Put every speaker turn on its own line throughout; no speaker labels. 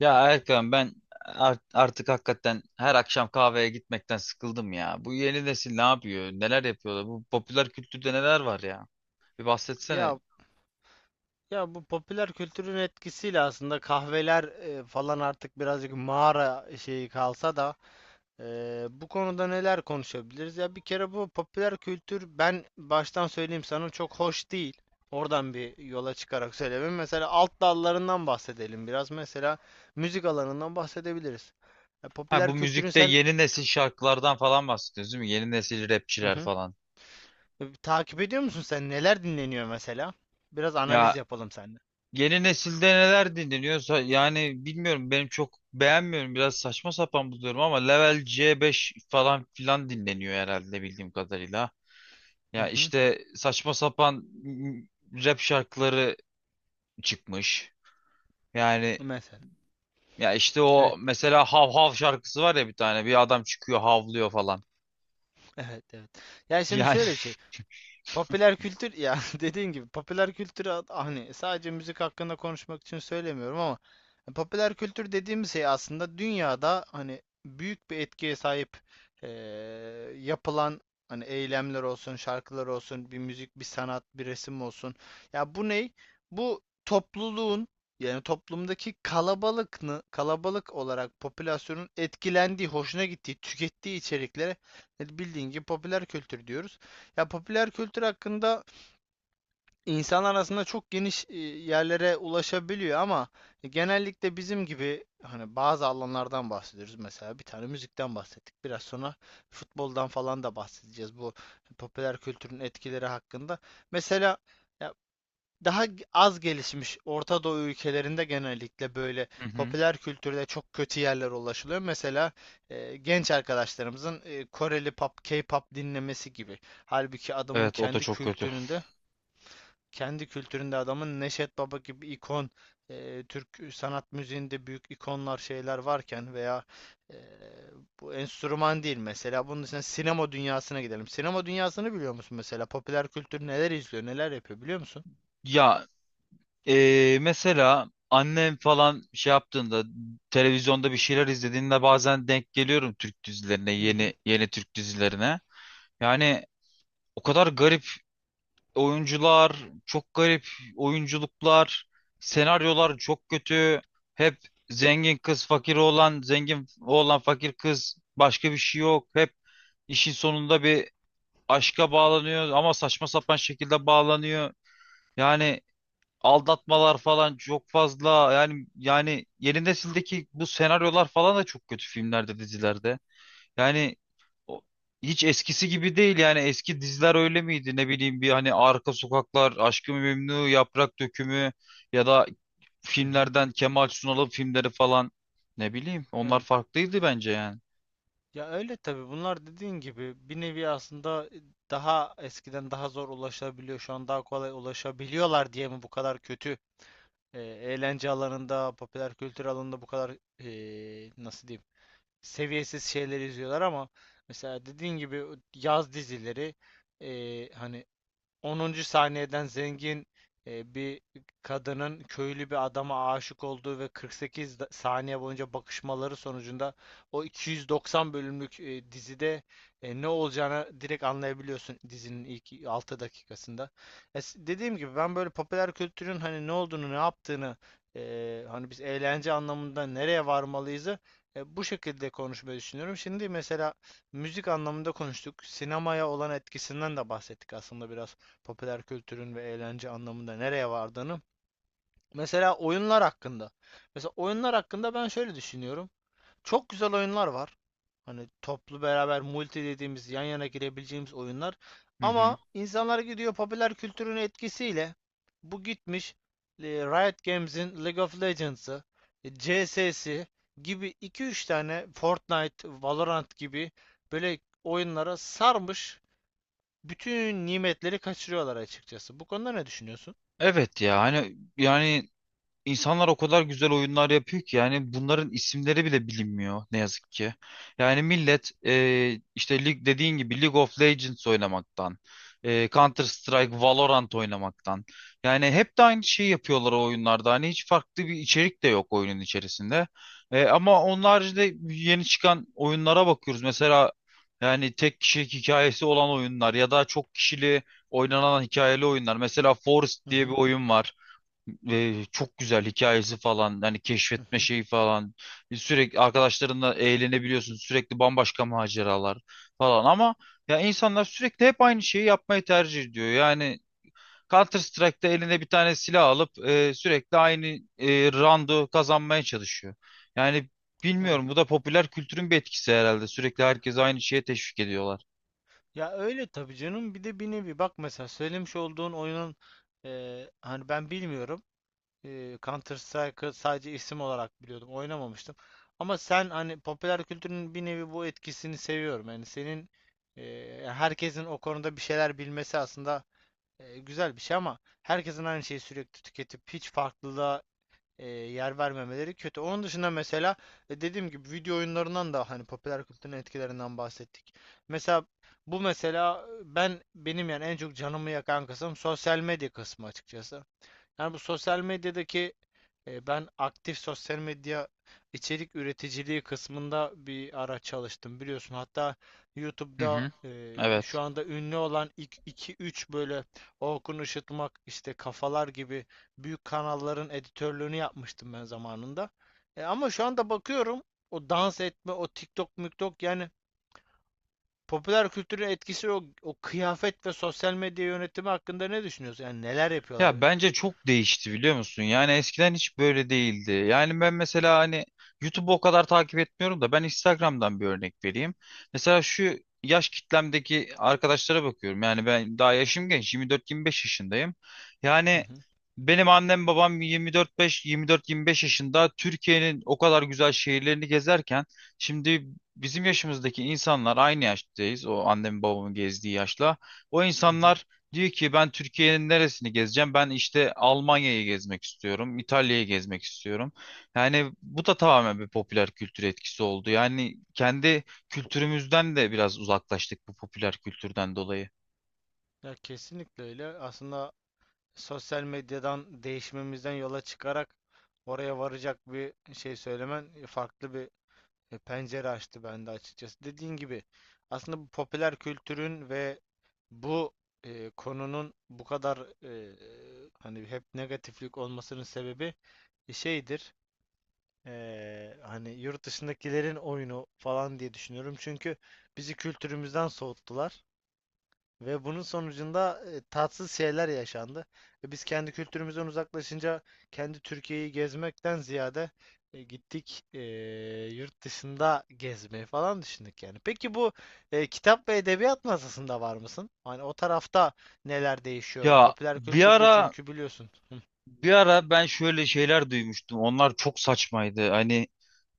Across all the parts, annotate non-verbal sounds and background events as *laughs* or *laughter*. Ya Erkan ben artık hakikaten her akşam kahveye gitmekten sıkıldım ya. Bu yeni nesil ne yapıyor? Neler yapıyorlar? Bu popüler kültürde neler var ya? Bir bahsetsene.
Ya ya bu popüler kültürün etkisiyle aslında kahveler falan artık birazcık mağara şeyi kalsa da bu konuda neler konuşabiliriz? Ya bir kere bu popüler kültür ben baştan söyleyeyim sana çok hoş değil. Oradan bir yola çıkarak söylemem. Mesela alt dallarından bahsedelim biraz. Mesela müzik alanından bahsedebiliriz. E,
Ha
popüler
bu
kültürün
müzikte
sen.
yeni nesil şarkılardan falan bahsediyoruz değil mi? Yeni nesil
Hı
rapçiler
hı.
falan.
Takip ediyor musun sen? Neler dinleniyor mesela? Biraz analiz
Ya
yapalım seninle.
yeni nesilde neler dinleniyorsa yani bilmiyorum benim çok beğenmiyorum. Biraz saçma sapan buluyorum ama Level C5 falan filan dinleniyor herhalde bildiğim kadarıyla.
Hı
Ya
hı.
işte saçma sapan rap şarkıları çıkmış. Yani
Mesela.
ya işte
Evet.
o mesela hav hav şarkısı var ya bir tane. Bir adam çıkıyor havlıyor falan.
Evet, evet. Ya şimdi
Yani *laughs*
şöyle bir şey. Popüler kültür, ya, *laughs* dediğin gibi popüler kültür hani sadece müzik hakkında konuşmak için söylemiyorum ama popüler kültür dediğimiz şey aslında dünyada hani büyük bir etkiye sahip eee, yapılan hani eylemler olsun, şarkılar olsun, bir müzik, bir sanat, bir resim olsun. Ya bu ney? Bu topluluğun yani toplumdaki kalabalık kalabalık olarak popülasyonun etkilendiği, hoşuna gittiği, tükettiği içeriklere bildiğin gibi popüler kültür diyoruz. Ya popüler kültür hakkında insan arasında çok geniş yerlere ulaşabiliyor ama genellikle bizim gibi hani bazı alanlardan bahsediyoruz. Mesela bir tane müzikten bahsettik. Biraz sonra futboldan falan da bahsedeceğiz bu popüler kültürün etkileri hakkında. Mesela, ya, daha az gelişmiş Orta Doğu ülkelerinde genellikle böyle
Hı hı,
popüler kültürde çok kötü yerlere ulaşılıyor. Mesela genç arkadaşlarımızın Koreli pop, K-pop dinlemesi gibi. Halbuki adamın
evet o da
kendi
çok kötü.
kültüründe, kendi kültüründe adamın Neşet Baba gibi ikon, Türk sanat müziğinde büyük ikonlar şeyler varken veya e, bu enstrüman değil mesela. Bunun için sinema dünyasına gidelim. Sinema dünyasını biliyor musun mesela? Popüler kültür neler izliyor, neler yapıyor biliyor musun?
Ya mesela annem falan şey yaptığında televizyonda bir şeyler izlediğinde bazen denk geliyorum Türk dizilerine,
Hı hı.
yeni yeni Türk dizilerine. Yani o kadar garip oyuncular çok garip oyunculuklar, senaryolar çok kötü. Hep zengin kız fakir oğlan, zengin oğlan fakir kız başka bir şey yok. Hep işin sonunda bir aşka bağlanıyor ama saçma sapan şekilde bağlanıyor. Yani aldatmalar falan çok fazla. Yani yeni nesildeki bu senaryolar falan da çok kötü filmlerde, dizilerde. Yani o- hiç eskisi gibi değil yani eski diziler öyle miydi ne bileyim bir hani Arka Sokaklar, Aşk-ı Memnu, Yaprak Dökümü ya da
Hı hı.
filmlerden Kemal Sunal'ın filmleri falan ne bileyim onlar
Yani,
farklıydı bence yani.
ya, öyle tabii bunlar dediğin gibi bir nevi aslında daha eskiden daha zor ulaşabiliyor şu an daha kolay ulaşabiliyorlar diye mi bu kadar kötü eğlence alanında popüler kültür alanında bu kadar nasıl diyeyim seviyesiz şeyler izliyorlar ama mesela dediğin gibi o yaz dizileri hani 10. saniyeden zengin bir kadının köylü bir adama aşık olduğu ve 48 saniye boyunca bakışmaları sonucunda o 290 bölümlük dizide ne olacağını direkt anlayabiliyorsun dizinin ilk 6 dakikasında. Dediğim gibi ben böyle popüler kültürün hani ne olduğunu, ne yaptığını, hani biz eğlence anlamında nereye varmalıyızı bu şekilde konuşmayı düşünüyorum. Şimdi mesela müzik anlamında konuştuk. Sinemaya olan etkisinden de bahsettik aslında biraz popüler kültürün ve eğlence anlamında nereye vardığını. Mesela oyunlar hakkında. Mesela oyunlar hakkında ben şöyle düşünüyorum. Çok güzel oyunlar var. Hani toplu beraber multi dediğimiz yan yana girebileceğimiz oyunlar.
Hı hı.
Ama insanlar gidiyor popüler kültürün etkisiyle bu gitmiş Riot Games'in League of Legends'ı, CS'si gibi iki üç tane Fortnite, Valorant gibi böyle oyunlara sarmış bütün nimetleri kaçırıyorlar açıkçası. Bu konuda ne düşünüyorsun?
Evet ya hani yani İnsanlar o kadar güzel oyunlar yapıyor ki yani bunların isimleri bile bilinmiyor ne yazık ki. Yani millet işte lig dediğin gibi League of Legends oynamaktan, Counter Strike, Valorant oynamaktan. Yani hep de aynı şeyi yapıyorlar o oyunlarda. Hani hiç farklı bir içerik de yok oyunun içerisinde. Ama onun haricinde yeni çıkan oyunlara bakıyoruz. Mesela yani tek kişilik hikayesi olan oyunlar ya da çok kişili oynanan hikayeli oyunlar. Mesela Forest
Hı
diye bir
hı,
oyun var ve çok güzel hikayesi falan hani
hı
keşfetme
hı.
şeyi falan sürekli arkadaşlarınla eğlenebiliyorsun sürekli bambaşka maceralar falan ama ya insanlar sürekli hep aynı şeyi yapmayı tercih ediyor yani Counter Strike'da eline bir tane silah alıp sürekli aynı roundu kazanmaya çalışıyor yani
Evet.
bilmiyorum bu da popüler kültürün bir etkisi herhalde sürekli herkes aynı şeye teşvik ediyorlar.
Ya öyle tabii canım. Bir de bir nevi bak mesela söylemiş olduğun oyunun hani ben bilmiyorum. Counter Strike'ı sadece isim olarak biliyordum. Oynamamıştım. Ama sen hani popüler kültürün bir nevi bu etkisini seviyorum. Yani senin herkesin o konuda bir şeyler bilmesi aslında güzel bir şey ama herkesin aynı şeyi sürekli tüketip hiç farklılığa yer vermemeleri kötü. Onun dışında mesela dediğim gibi video oyunlarından da hani popüler kültürün etkilerinden bahsettik. Mesela bu mesela ben benim yani en çok canımı yakan kısım sosyal medya kısmı açıkçası. Yani bu sosyal medyadaki ben aktif sosyal medya içerik üreticiliği kısmında bir ara çalıştım biliyorsun. Hatta
Hı
YouTube'da
hı.
şu
Evet.
anda ünlü olan iki üç böyle Orkun Işıtmak işte Kafalar gibi büyük kanalların editörlüğünü yapmıştım ben zamanında. Ama şu anda bakıyorum o dans etme, o TikTok, miktok yani popüler kültürün etkisi o kıyafet ve sosyal medya yönetimi hakkında ne düşünüyorsun? Yani neler yapıyorlar?
Ya bence çok değişti biliyor musun? Yani eskiden hiç böyle değildi. Yani ben mesela hani YouTube'u o kadar takip etmiyorum da ben Instagram'dan bir örnek vereyim. Mesela şu yaş kitlemdeki arkadaşlara bakıyorum. Yani ben daha yaşım genç 24-25 yaşındayım.
Hı
Yani
hı,
benim annem babam 24-5 24-25 yaşında Türkiye'nin o kadar güzel şehirlerini gezerken şimdi bizim yaşımızdaki insanlar aynı yaştayız. O annemin babamın gezdiği yaşla. O
hı hı.
insanlar diyor ki ben Türkiye'nin neresini gezeceğim? Ben işte Almanya'yı gezmek istiyorum, İtalya'yı gezmek istiyorum. Yani bu da tamamen bir popüler kültür etkisi oldu. Yani kendi kültürümüzden de biraz uzaklaştık bu popüler kültürden dolayı.
Ya kesinlikle öyle. Aslında sosyal medyadan değişmemizden yola çıkarak oraya varacak bir şey söylemen farklı bir pencere açtı bende açıkçası. Dediğin gibi aslında bu popüler kültürün ve bu konunun bu kadar hani hep negatiflik olmasının sebebi şeydir. Hani yurt dışındakilerin oyunu falan diye düşünüyorum. Çünkü bizi kültürümüzden soğuttular. Ve bunun sonucunda tatsız şeyler yaşandı. Ve biz kendi kültürümüzden uzaklaşınca kendi Türkiye'yi gezmekten ziyade gittik yurt dışında gezmeyi falan düşündük yani. Peki bu kitap ve edebiyat masasında var mısın? Hani o tarafta neler değişiyor?
Ya
Popüler
bir
kültürde
ara
çünkü biliyorsun. Hı
bir ara ben şöyle şeyler duymuştum. Onlar çok saçmaydı. Hani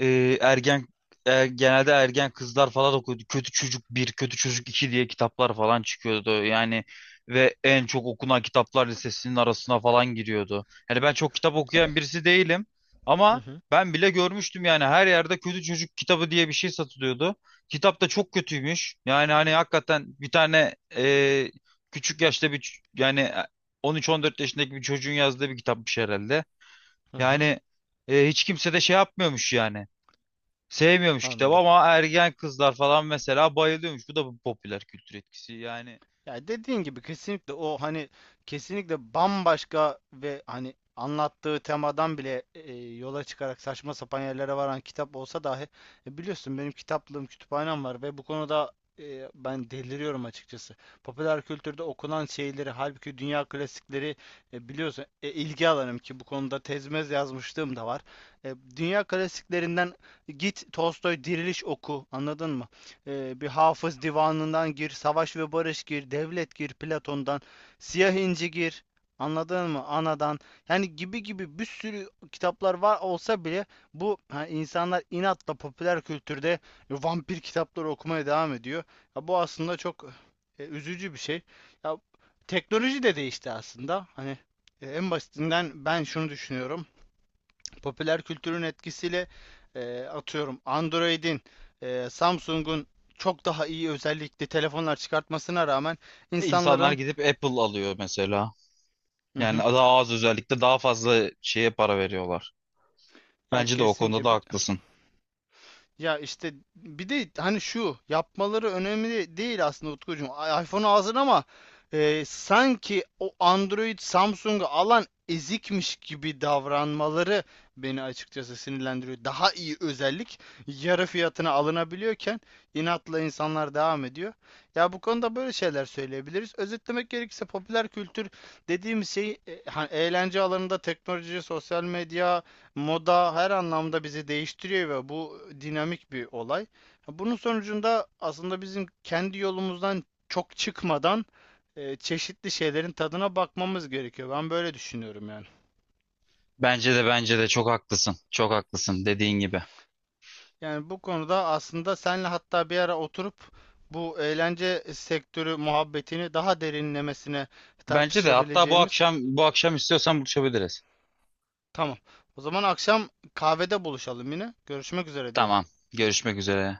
ergen genelde ergen kızlar falan okuyordu. Kötü Çocuk bir Kötü Çocuk iki diye kitaplar falan çıkıyordu. Yani ve en çok okunan kitaplar listesinin arasına falan giriyordu. Yani ben çok kitap okuyan birisi değilim ama
hı
ben bile görmüştüm yani her yerde Kötü Çocuk kitabı diye bir şey satılıyordu. Kitap da çok kötüymüş. Yani hani hakikaten bir tane küçük yaşta bir 13-14 yaşındaki bir çocuğun yazdığı bir kitapmış herhalde.
hı. Hı.
Yani hiç kimse de şey yapmıyormuş yani. Sevmiyormuş kitabı
Anladım.
ama ergen kızlar falan mesela bayılıyormuş. Bu da bir popüler kültür etkisi. Yani
Ya dediğin gibi kesinlikle o hani kesinlikle bambaşka ve hani anlattığı temadan bile yola çıkarak saçma sapan yerlere varan kitap olsa dahi biliyorsun benim kitaplığım, kütüphanem var ve bu konuda ben deliriyorum açıkçası. Popüler kültürde okunan şeyleri halbuki dünya klasikleri biliyorsun ilgi alanım ki bu konuda tezmez yazmışlığım da var. Dünya klasiklerinden git Tolstoy Diriliş oku, anladın mı? Bir Hafız Divanı'ndan gir, Savaş ve Barış gir, Devlet gir, Platon'dan, Siyah İnci gir. Anladın mı? Anadan. Yani gibi gibi bir sürü kitaplar var olsa bile bu insanlar inatla popüler kültürde vampir kitapları okumaya devam ediyor. Ya bu aslında çok üzücü bir şey. Ya teknoloji de değişti aslında. Hani en basitinden ben şunu düşünüyorum popüler kültürün etkisiyle atıyorum Android'in, Samsung'un çok daha iyi özellikli telefonlar çıkartmasına rağmen
İnsanlar
insanların.
gidip Apple alıyor mesela.
Hı
Yani
hı.
daha az özellikle daha fazla şeye para veriyorlar.
Ya
Bence de o konuda
kesinlikle
da
bir.
haklısın.
Ya işte bir de hani şu yapmaları önemli değil aslında Utkucuğum. iPhone alsın ama sanki o Android Samsung'u alan ezikmiş gibi davranmaları beni açıkçası sinirlendiriyor. Daha iyi özellik yarı fiyatına alınabiliyorken inatla insanlar devam ediyor. Ya bu konuda böyle şeyler söyleyebiliriz. Özetlemek gerekirse popüler kültür dediğimiz şey hani eğlence alanında teknoloji, sosyal medya, moda her anlamda bizi değiştiriyor ve bu dinamik bir olay. Bunun sonucunda aslında bizim kendi yolumuzdan çok çıkmadan çeşitli şeylerin tadına bakmamız gerekiyor. Ben böyle düşünüyorum yani.
Bence de çok haklısın. Çok haklısın dediğin gibi.
Yani bu konuda aslında senle hatta bir ara oturup bu eğlence sektörü muhabbetini daha derinlemesine
Bence de hatta
tartışabileceğimiz.
bu akşam istiyorsan buluşabiliriz.
Tamam. O zaman akşam kahvede buluşalım yine. Görüşmek üzere diyelim.
Tamam. Görüşmek üzere.